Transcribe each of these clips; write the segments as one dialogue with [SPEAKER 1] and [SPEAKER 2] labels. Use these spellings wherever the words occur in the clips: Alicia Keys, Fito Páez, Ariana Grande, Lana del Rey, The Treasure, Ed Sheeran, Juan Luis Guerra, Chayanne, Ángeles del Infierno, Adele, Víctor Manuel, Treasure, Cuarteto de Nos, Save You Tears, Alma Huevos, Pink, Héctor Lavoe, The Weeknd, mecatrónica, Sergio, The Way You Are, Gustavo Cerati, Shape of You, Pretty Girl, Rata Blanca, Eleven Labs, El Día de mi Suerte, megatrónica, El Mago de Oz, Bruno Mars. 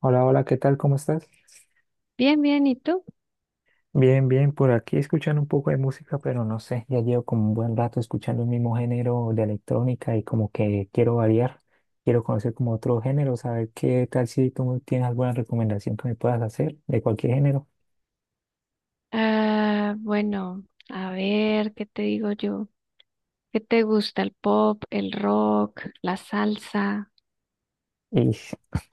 [SPEAKER 1] Hola, hola, ¿qué tal? ¿Cómo estás?
[SPEAKER 2] Bien, bien, ¿y tú?
[SPEAKER 1] Bien, bien, por aquí escuchando un poco de música, pero no sé, ya llevo como un buen rato escuchando el mismo género de electrónica y como que quiero variar, quiero conocer como otro género, saber qué tal si tú tienes alguna recomendación que me puedas hacer de cualquier género.
[SPEAKER 2] Ah, bueno, a ver, ¿qué te digo yo? ¿Qué te gusta? ¿El pop, el rock, la salsa?
[SPEAKER 1] Y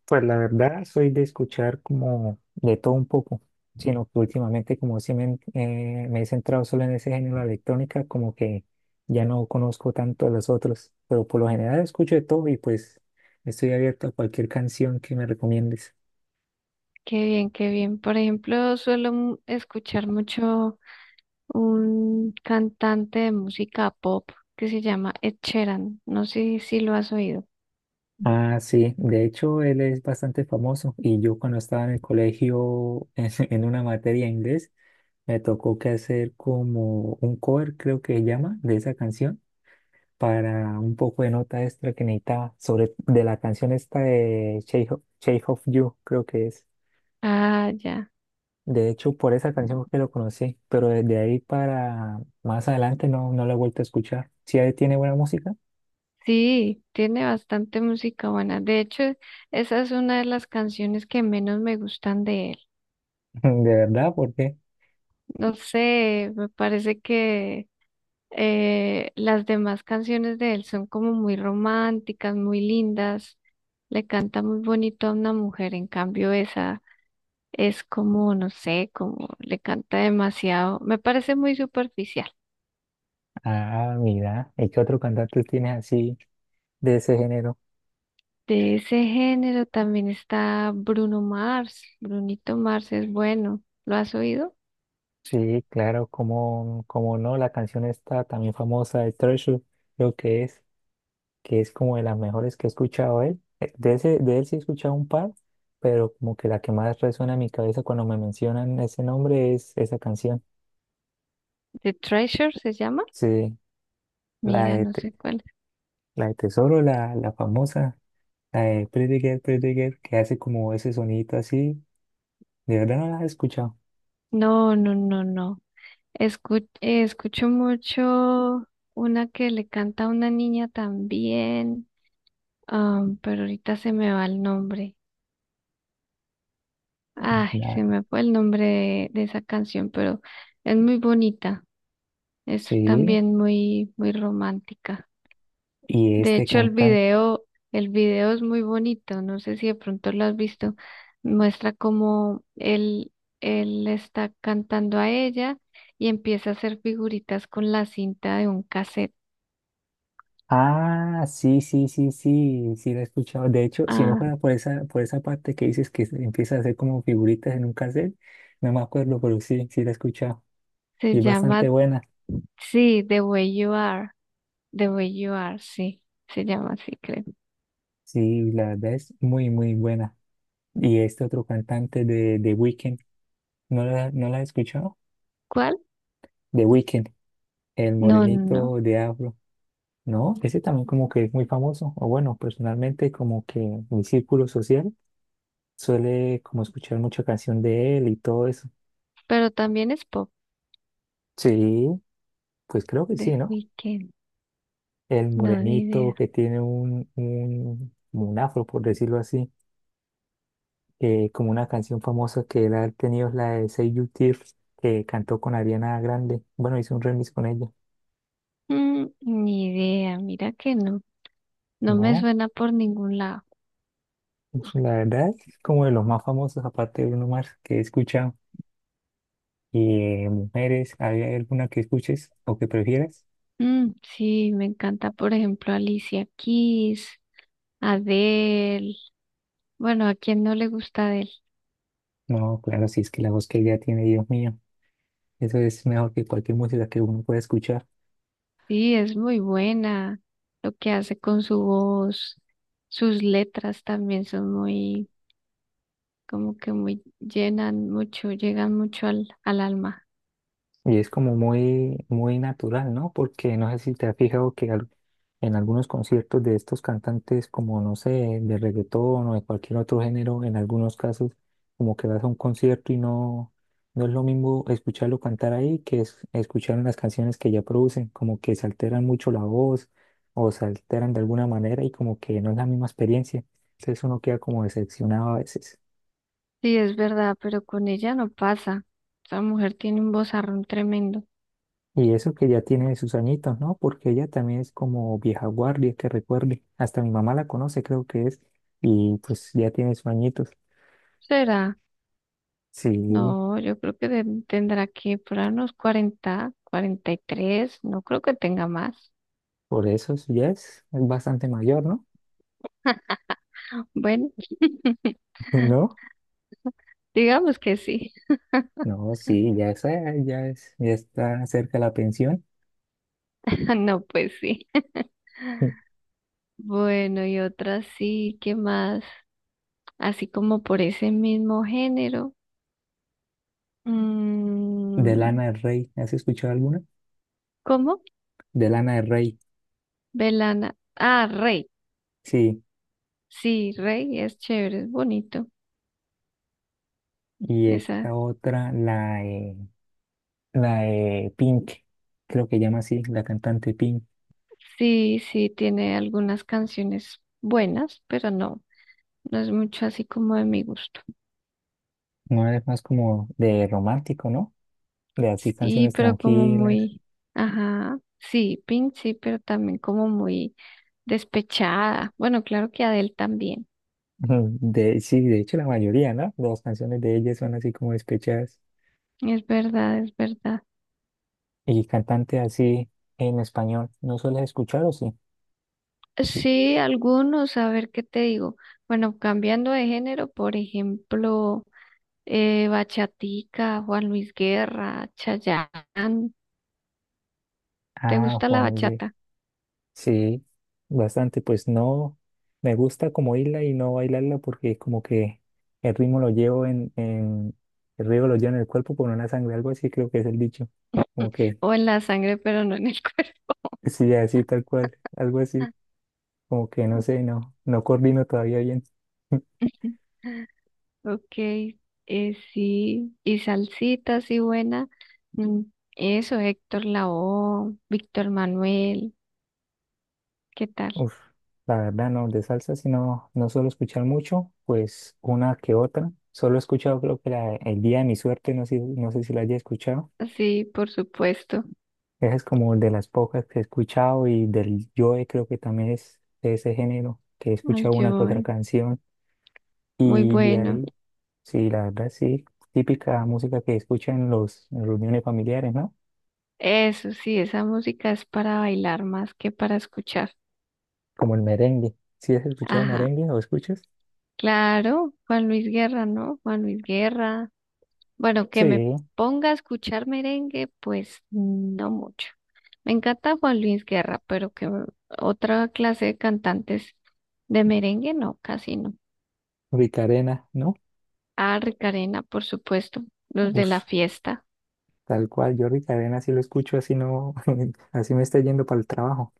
[SPEAKER 1] pues la verdad soy de escuchar como de todo un poco, sino que últimamente como si me, me he centrado solo en ese género de electrónica, como que ya no conozco tanto los otros, pero por lo general escucho de todo y pues estoy abierto a cualquier canción que me recomiendes.
[SPEAKER 2] Qué bien, qué bien. Por ejemplo, suelo escuchar mucho un cantante de música pop que se llama Ed Sheeran. No sé si lo has oído.
[SPEAKER 1] Ah, sí, de hecho él es bastante famoso y yo cuando estaba en el colegio en una materia de inglés me tocó que hacer como un cover, creo que se llama, de esa canción para un poco de nota extra que necesitaba sobre de la canción esta de Shape of You, creo que es.
[SPEAKER 2] Ah, ya.
[SPEAKER 1] De hecho, por esa canción fue que lo conocí, pero desde ahí para más adelante no la he vuelto a escuchar. Si ahí tiene buena música.
[SPEAKER 2] Sí, tiene bastante música buena. De hecho, esa es una de las canciones que menos me gustan de él.
[SPEAKER 1] De verdad, ¿por qué?
[SPEAKER 2] No sé, me parece que las demás canciones de él son como muy románticas, muy lindas. Le canta muy bonito a una mujer, en cambio esa es como, no sé, como le canta demasiado. Me parece muy superficial.
[SPEAKER 1] Ah, mira, ¿y qué otro cantante tiene así de ese género?
[SPEAKER 2] De ese género también está Bruno Mars. Brunito Mars es bueno. ¿Lo has oído?
[SPEAKER 1] Sí, claro, como, como no, la canción esta también famosa de Treasure, creo que es, que es como de las mejores que he escuchado él. De ese, de él sí he escuchado un par, pero como que la que más resuena en mi cabeza cuando me mencionan ese nombre es esa canción.
[SPEAKER 2] The Treasure se llama.
[SPEAKER 1] Sí, la
[SPEAKER 2] Mira,
[SPEAKER 1] de,
[SPEAKER 2] no
[SPEAKER 1] Te-
[SPEAKER 2] sé cuál.
[SPEAKER 1] la de Tesoro, la famosa, la de Pretty Girl, que hace como ese sonito así. De verdad no la he escuchado.
[SPEAKER 2] No, no, no, no. Escucho mucho una que le canta a una niña también, pero ahorita se me va el nombre. Ay,
[SPEAKER 1] La-
[SPEAKER 2] se me fue el nombre de esa canción, pero es muy bonita. Es
[SPEAKER 1] sí,
[SPEAKER 2] también muy, muy romántica.
[SPEAKER 1] y
[SPEAKER 2] De
[SPEAKER 1] este
[SPEAKER 2] hecho,
[SPEAKER 1] cantante.
[SPEAKER 2] el video es muy bonito. No sé si de pronto lo has visto. Muestra cómo él le está cantando a ella y empieza a hacer figuritas con la cinta de un cassette.
[SPEAKER 1] Ah, sí la he escuchado. De hecho, si no
[SPEAKER 2] Ah,
[SPEAKER 1] fuera por esa parte que dices que se empieza a hacer como figuritas en un cassette, no me acuerdo, pero sí, sí la he escuchado. Y
[SPEAKER 2] se
[SPEAKER 1] es bastante
[SPEAKER 2] llama,
[SPEAKER 1] buena.
[SPEAKER 2] sí, The Way You Are. The Way You Are, sí. Se llama así, creo.
[SPEAKER 1] Sí, la verdad es muy, muy buena. Y este otro cantante de Weeknd, ¿no la, no la he escuchado?
[SPEAKER 2] ¿Cuál?
[SPEAKER 1] De Weeknd, el
[SPEAKER 2] No, no, no.
[SPEAKER 1] morenito de Afro. No, ese también como que es muy famoso. O bueno, personalmente como que mi círculo social suele como escuchar mucha canción de él y todo eso.
[SPEAKER 2] Pero también es pop.
[SPEAKER 1] Sí. Pues creo que
[SPEAKER 2] The
[SPEAKER 1] sí, ¿no?
[SPEAKER 2] Weeknd.
[SPEAKER 1] El
[SPEAKER 2] No, ni
[SPEAKER 1] morenito
[SPEAKER 2] idea.
[SPEAKER 1] que tiene como un afro, por decirlo así, como una canción famosa que él ha tenido es la de Save You Tears, que cantó con Ariana Grande. Bueno, hizo un remix con ella.
[SPEAKER 2] Ni idea. Mira que no. No me
[SPEAKER 1] No,
[SPEAKER 2] suena por ningún lado.
[SPEAKER 1] pues la verdad es como de los más famosos, aparte de Bruno Mars, que he escuchado. Y mujeres, ¿hay alguna que escuches o que prefieras?
[SPEAKER 2] Mm, sí, me encanta, por ejemplo, Alicia Keys, Adele. Bueno, ¿a quién no le gusta Adele?
[SPEAKER 1] No, claro, si es que la voz que ella tiene, Dios mío, eso es mejor que cualquier música que uno pueda escuchar.
[SPEAKER 2] Sí, es muy buena. Lo que hace con su voz. Sus letras también son muy como que muy llenan mucho, llegan mucho al alma.
[SPEAKER 1] Y es como muy, muy natural, ¿no? Porque no sé si te has fijado que en algunos conciertos de estos cantantes, como no sé, de reggaetón o de cualquier otro género, en algunos casos, como que vas a un concierto no es lo mismo escucharlo cantar ahí que es, escuchar las canciones que ya producen, como que se alteran mucho la voz o se alteran de alguna manera y como que no es la misma experiencia. Entonces uno queda como decepcionado a veces.
[SPEAKER 2] Sí, es verdad, pero con ella no pasa. Esa mujer tiene un vozarrón tremendo.
[SPEAKER 1] Y eso que ya tiene sus añitos, ¿no? Porque ella también es como vieja guardia, que recuerde. Hasta mi mamá la conoce, creo que es. Y pues ya tiene sus añitos.
[SPEAKER 2] ¿Será?
[SPEAKER 1] Sí,
[SPEAKER 2] No, yo creo que tendrá que por ahí unos 40 43 no creo que tenga más.
[SPEAKER 1] ya es bastante mayor, ¿no?
[SPEAKER 2] Bueno,
[SPEAKER 1] ¿No?
[SPEAKER 2] digamos que sí.
[SPEAKER 1] No, sí, ya es, ya está cerca la pensión.
[SPEAKER 2] No, pues sí. Bueno, y otra sí, ¿qué más? Así como por ese mismo género.
[SPEAKER 1] De
[SPEAKER 2] Mm,
[SPEAKER 1] Lana del Rey, ¿has escuchado alguna?
[SPEAKER 2] ¿Cómo?
[SPEAKER 1] De Lana del Rey,
[SPEAKER 2] Belana. Ah, Rey.
[SPEAKER 1] sí.
[SPEAKER 2] Sí, Rey es chévere, es bonito.
[SPEAKER 1] Y
[SPEAKER 2] Esa
[SPEAKER 1] esta otra, la de Pink, creo que llama así, la cantante Pink.
[SPEAKER 2] sí, sí tiene algunas canciones buenas, pero no, no es mucho así como de mi gusto.
[SPEAKER 1] No es más como de romántico, ¿no? De así
[SPEAKER 2] Sí,
[SPEAKER 1] canciones
[SPEAKER 2] pero como
[SPEAKER 1] tranquilas.
[SPEAKER 2] muy, ajá, sí, Pink sí, pero también como muy despechada. Bueno, claro que Adele también.
[SPEAKER 1] Ujú. De, sí, de hecho la mayoría, ¿no? Las canciones de ellas son así como despechadas.
[SPEAKER 2] Es verdad, es verdad.
[SPEAKER 1] Y cantante así en español, ¿no sueles escuchar o sí?
[SPEAKER 2] Sí, algunos, a ver qué te digo. Bueno, cambiando de género, por ejemplo, Bachatica, Juan Luis Guerra, Chayanne. ¿Te
[SPEAKER 1] Ah,
[SPEAKER 2] gusta la
[SPEAKER 1] Juan de,
[SPEAKER 2] bachata?
[SPEAKER 1] sí, bastante, pues no, me gusta como oírla y no bailarla porque como que el ritmo lo llevo en, en el ritmo lo llevo en el cuerpo por una sangre, algo así creo que es el dicho, como que
[SPEAKER 2] O en la sangre, pero no en el cuerpo.
[SPEAKER 1] sí, así tal cual, algo así, como que no sé, no coordino todavía bien.
[SPEAKER 2] Ok, sí, y salsita, sí, buena. Mm, eso, Héctor Lavoe, Víctor Manuel, ¿qué tal?
[SPEAKER 1] Uf, la verdad no, de salsa si no, no suelo escuchar mucho, pues una que otra. Solo he escuchado creo que El Día de mi Suerte, no sé, no sé si la haya escuchado.
[SPEAKER 2] Sí, por supuesto,
[SPEAKER 1] Esa es como de las pocas que he escuchado y del Joe creo que también es de ese género, que he
[SPEAKER 2] el
[SPEAKER 1] escuchado una que otra
[SPEAKER 2] Joe,
[SPEAKER 1] canción.
[SPEAKER 2] muy
[SPEAKER 1] Y de
[SPEAKER 2] bueno.
[SPEAKER 1] ahí, sí, la verdad sí, típica música que escuchan en en reuniones familiares, ¿no?
[SPEAKER 2] Eso, sí, esa música es para bailar más que para escuchar.
[SPEAKER 1] Como el merengue. ¿Sí has escuchado
[SPEAKER 2] Ajá,
[SPEAKER 1] merengue o escuchas?
[SPEAKER 2] claro, Juan Luis Guerra, ¿no? Juan Luis Guerra. Bueno, que me
[SPEAKER 1] Sí,
[SPEAKER 2] ponga a escuchar merengue, pues no mucho. Me encanta Juan Luis Guerra, pero que otra clase de cantantes de merengue, no, casi no.
[SPEAKER 1] Ricarena, ¿no?
[SPEAKER 2] Ah, Ricarena, por supuesto, los de la
[SPEAKER 1] Uf.
[SPEAKER 2] fiesta.
[SPEAKER 1] Tal cual, Jordi Cadena, si lo escucho así no, así me está yendo para el trabajo,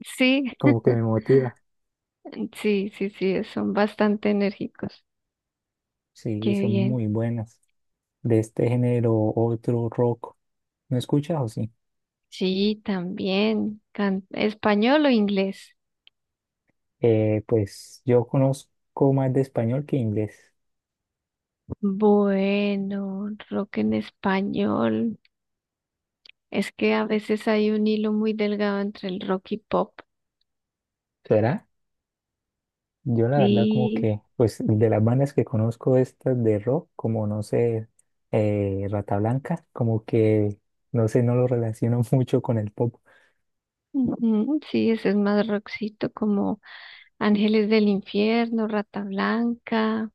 [SPEAKER 2] Sí,
[SPEAKER 1] como que me motiva.
[SPEAKER 2] sí, sí, sí, son bastante enérgicos.
[SPEAKER 1] Sí,
[SPEAKER 2] Qué
[SPEAKER 1] son
[SPEAKER 2] bien.
[SPEAKER 1] muy buenas. De este género, otro rock. ¿No escuchas o sí?
[SPEAKER 2] Sí, también. ¿Español o inglés?
[SPEAKER 1] Pues yo conozco más de español que inglés.
[SPEAKER 2] Bueno, rock en español. Es que a veces hay un hilo muy delgado entre el rock y pop.
[SPEAKER 1] ¿Será? Yo la verdad como
[SPEAKER 2] Sí,
[SPEAKER 1] que, pues de las bandas que conozco estas de rock, como no sé, Rata Blanca, como que, no sé, no lo relaciono mucho con el pop,
[SPEAKER 2] ujú, sí, ese es más rockcito, como Ángeles del Infierno, Rata Blanca,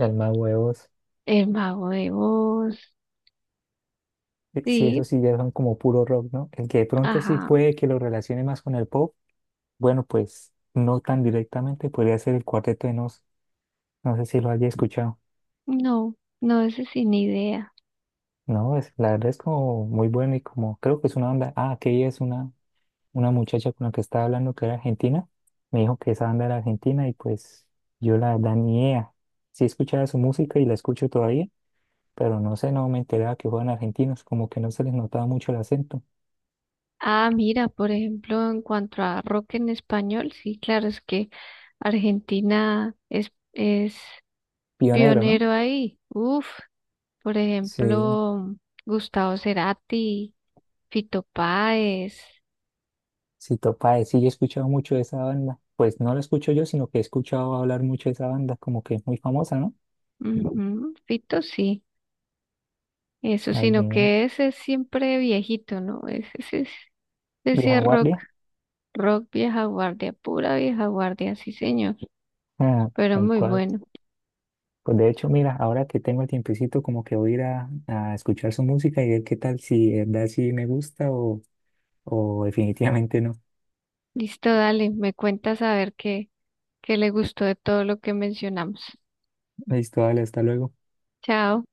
[SPEAKER 1] Alma Huevos.
[SPEAKER 2] El Mago de Oz.
[SPEAKER 1] Sí, eso
[SPEAKER 2] Sí,
[SPEAKER 1] sí, ya son como puro rock, ¿no? El que de pronto sí
[SPEAKER 2] ajá,
[SPEAKER 1] puede que lo relacione más con el pop, bueno, pues no tan directamente, podría ser el Cuarteto de Nos. No sé si lo haya escuchado.
[SPEAKER 2] no, no, ese sin idea.
[SPEAKER 1] No, es, la verdad es como muy bueno y como creo que es una banda. Ah, que ella es una muchacha con la que estaba hablando que era argentina. Me dijo que esa banda era argentina y pues yo la verdad ni idea. Sí escuchaba su música y la escucho todavía, pero no sé, no me enteraba que fueran argentinos, como que no se les notaba mucho el acento.
[SPEAKER 2] Ah, mira, por ejemplo, en cuanto a rock en español, sí, claro, es que Argentina es
[SPEAKER 1] Pionero, ¿no?
[SPEAKER 2] pionero ahí. Uf, por
[SPEAKER 1] Sí.
[SPEAKER 2] ejemplo, Gustavo Cerati, Fito Páez,
[SPEAKER 1] Si Topae, sí, yo he escuchado mucho de esa banda. Pues no la escucho yo, sino que he escuchado hablar mucho de esa banda, como que es muy famosa, ¿no?
[SPEAKER 2] ujú, Fito sí. Eso,
[SPEAKER 1] Ay,
[SPEAKER 2] sino
[SPEAKER 1] mira,
[SPEAKER 2] que ese es siempre viejito, ¿no? Ese, ese, es-
[SPEAKER 1] vieja
[SPEAKER 2] ese es rock,
[SPEAKER 1] guardia.
[SPEAKER 2] rock vieja guardia, pura vieja guardia, sí señor,
[SPEAKER 1] Ah,
[SPEAKER 2] pero
[SPEAKER 1] tal
[SPEAKER 2] muy
[SPEAKER 1] cual.
[SPEAKER 2] bueno.
[SPEAKER 1] Pues de hecho, mira, ahora que tengo el tiempecito, como que voy a ir a escuchar su música y ver qué tal, si de verdad sí me gusta o definitivamente no.
[SPEAKER 2] Listo, dale, me cuentas a ver qué le gustó de todo lo que mencionamos.
[SPEAKER 1] Listo, dale, hasta luego.
[SPEAKER 2] Chao.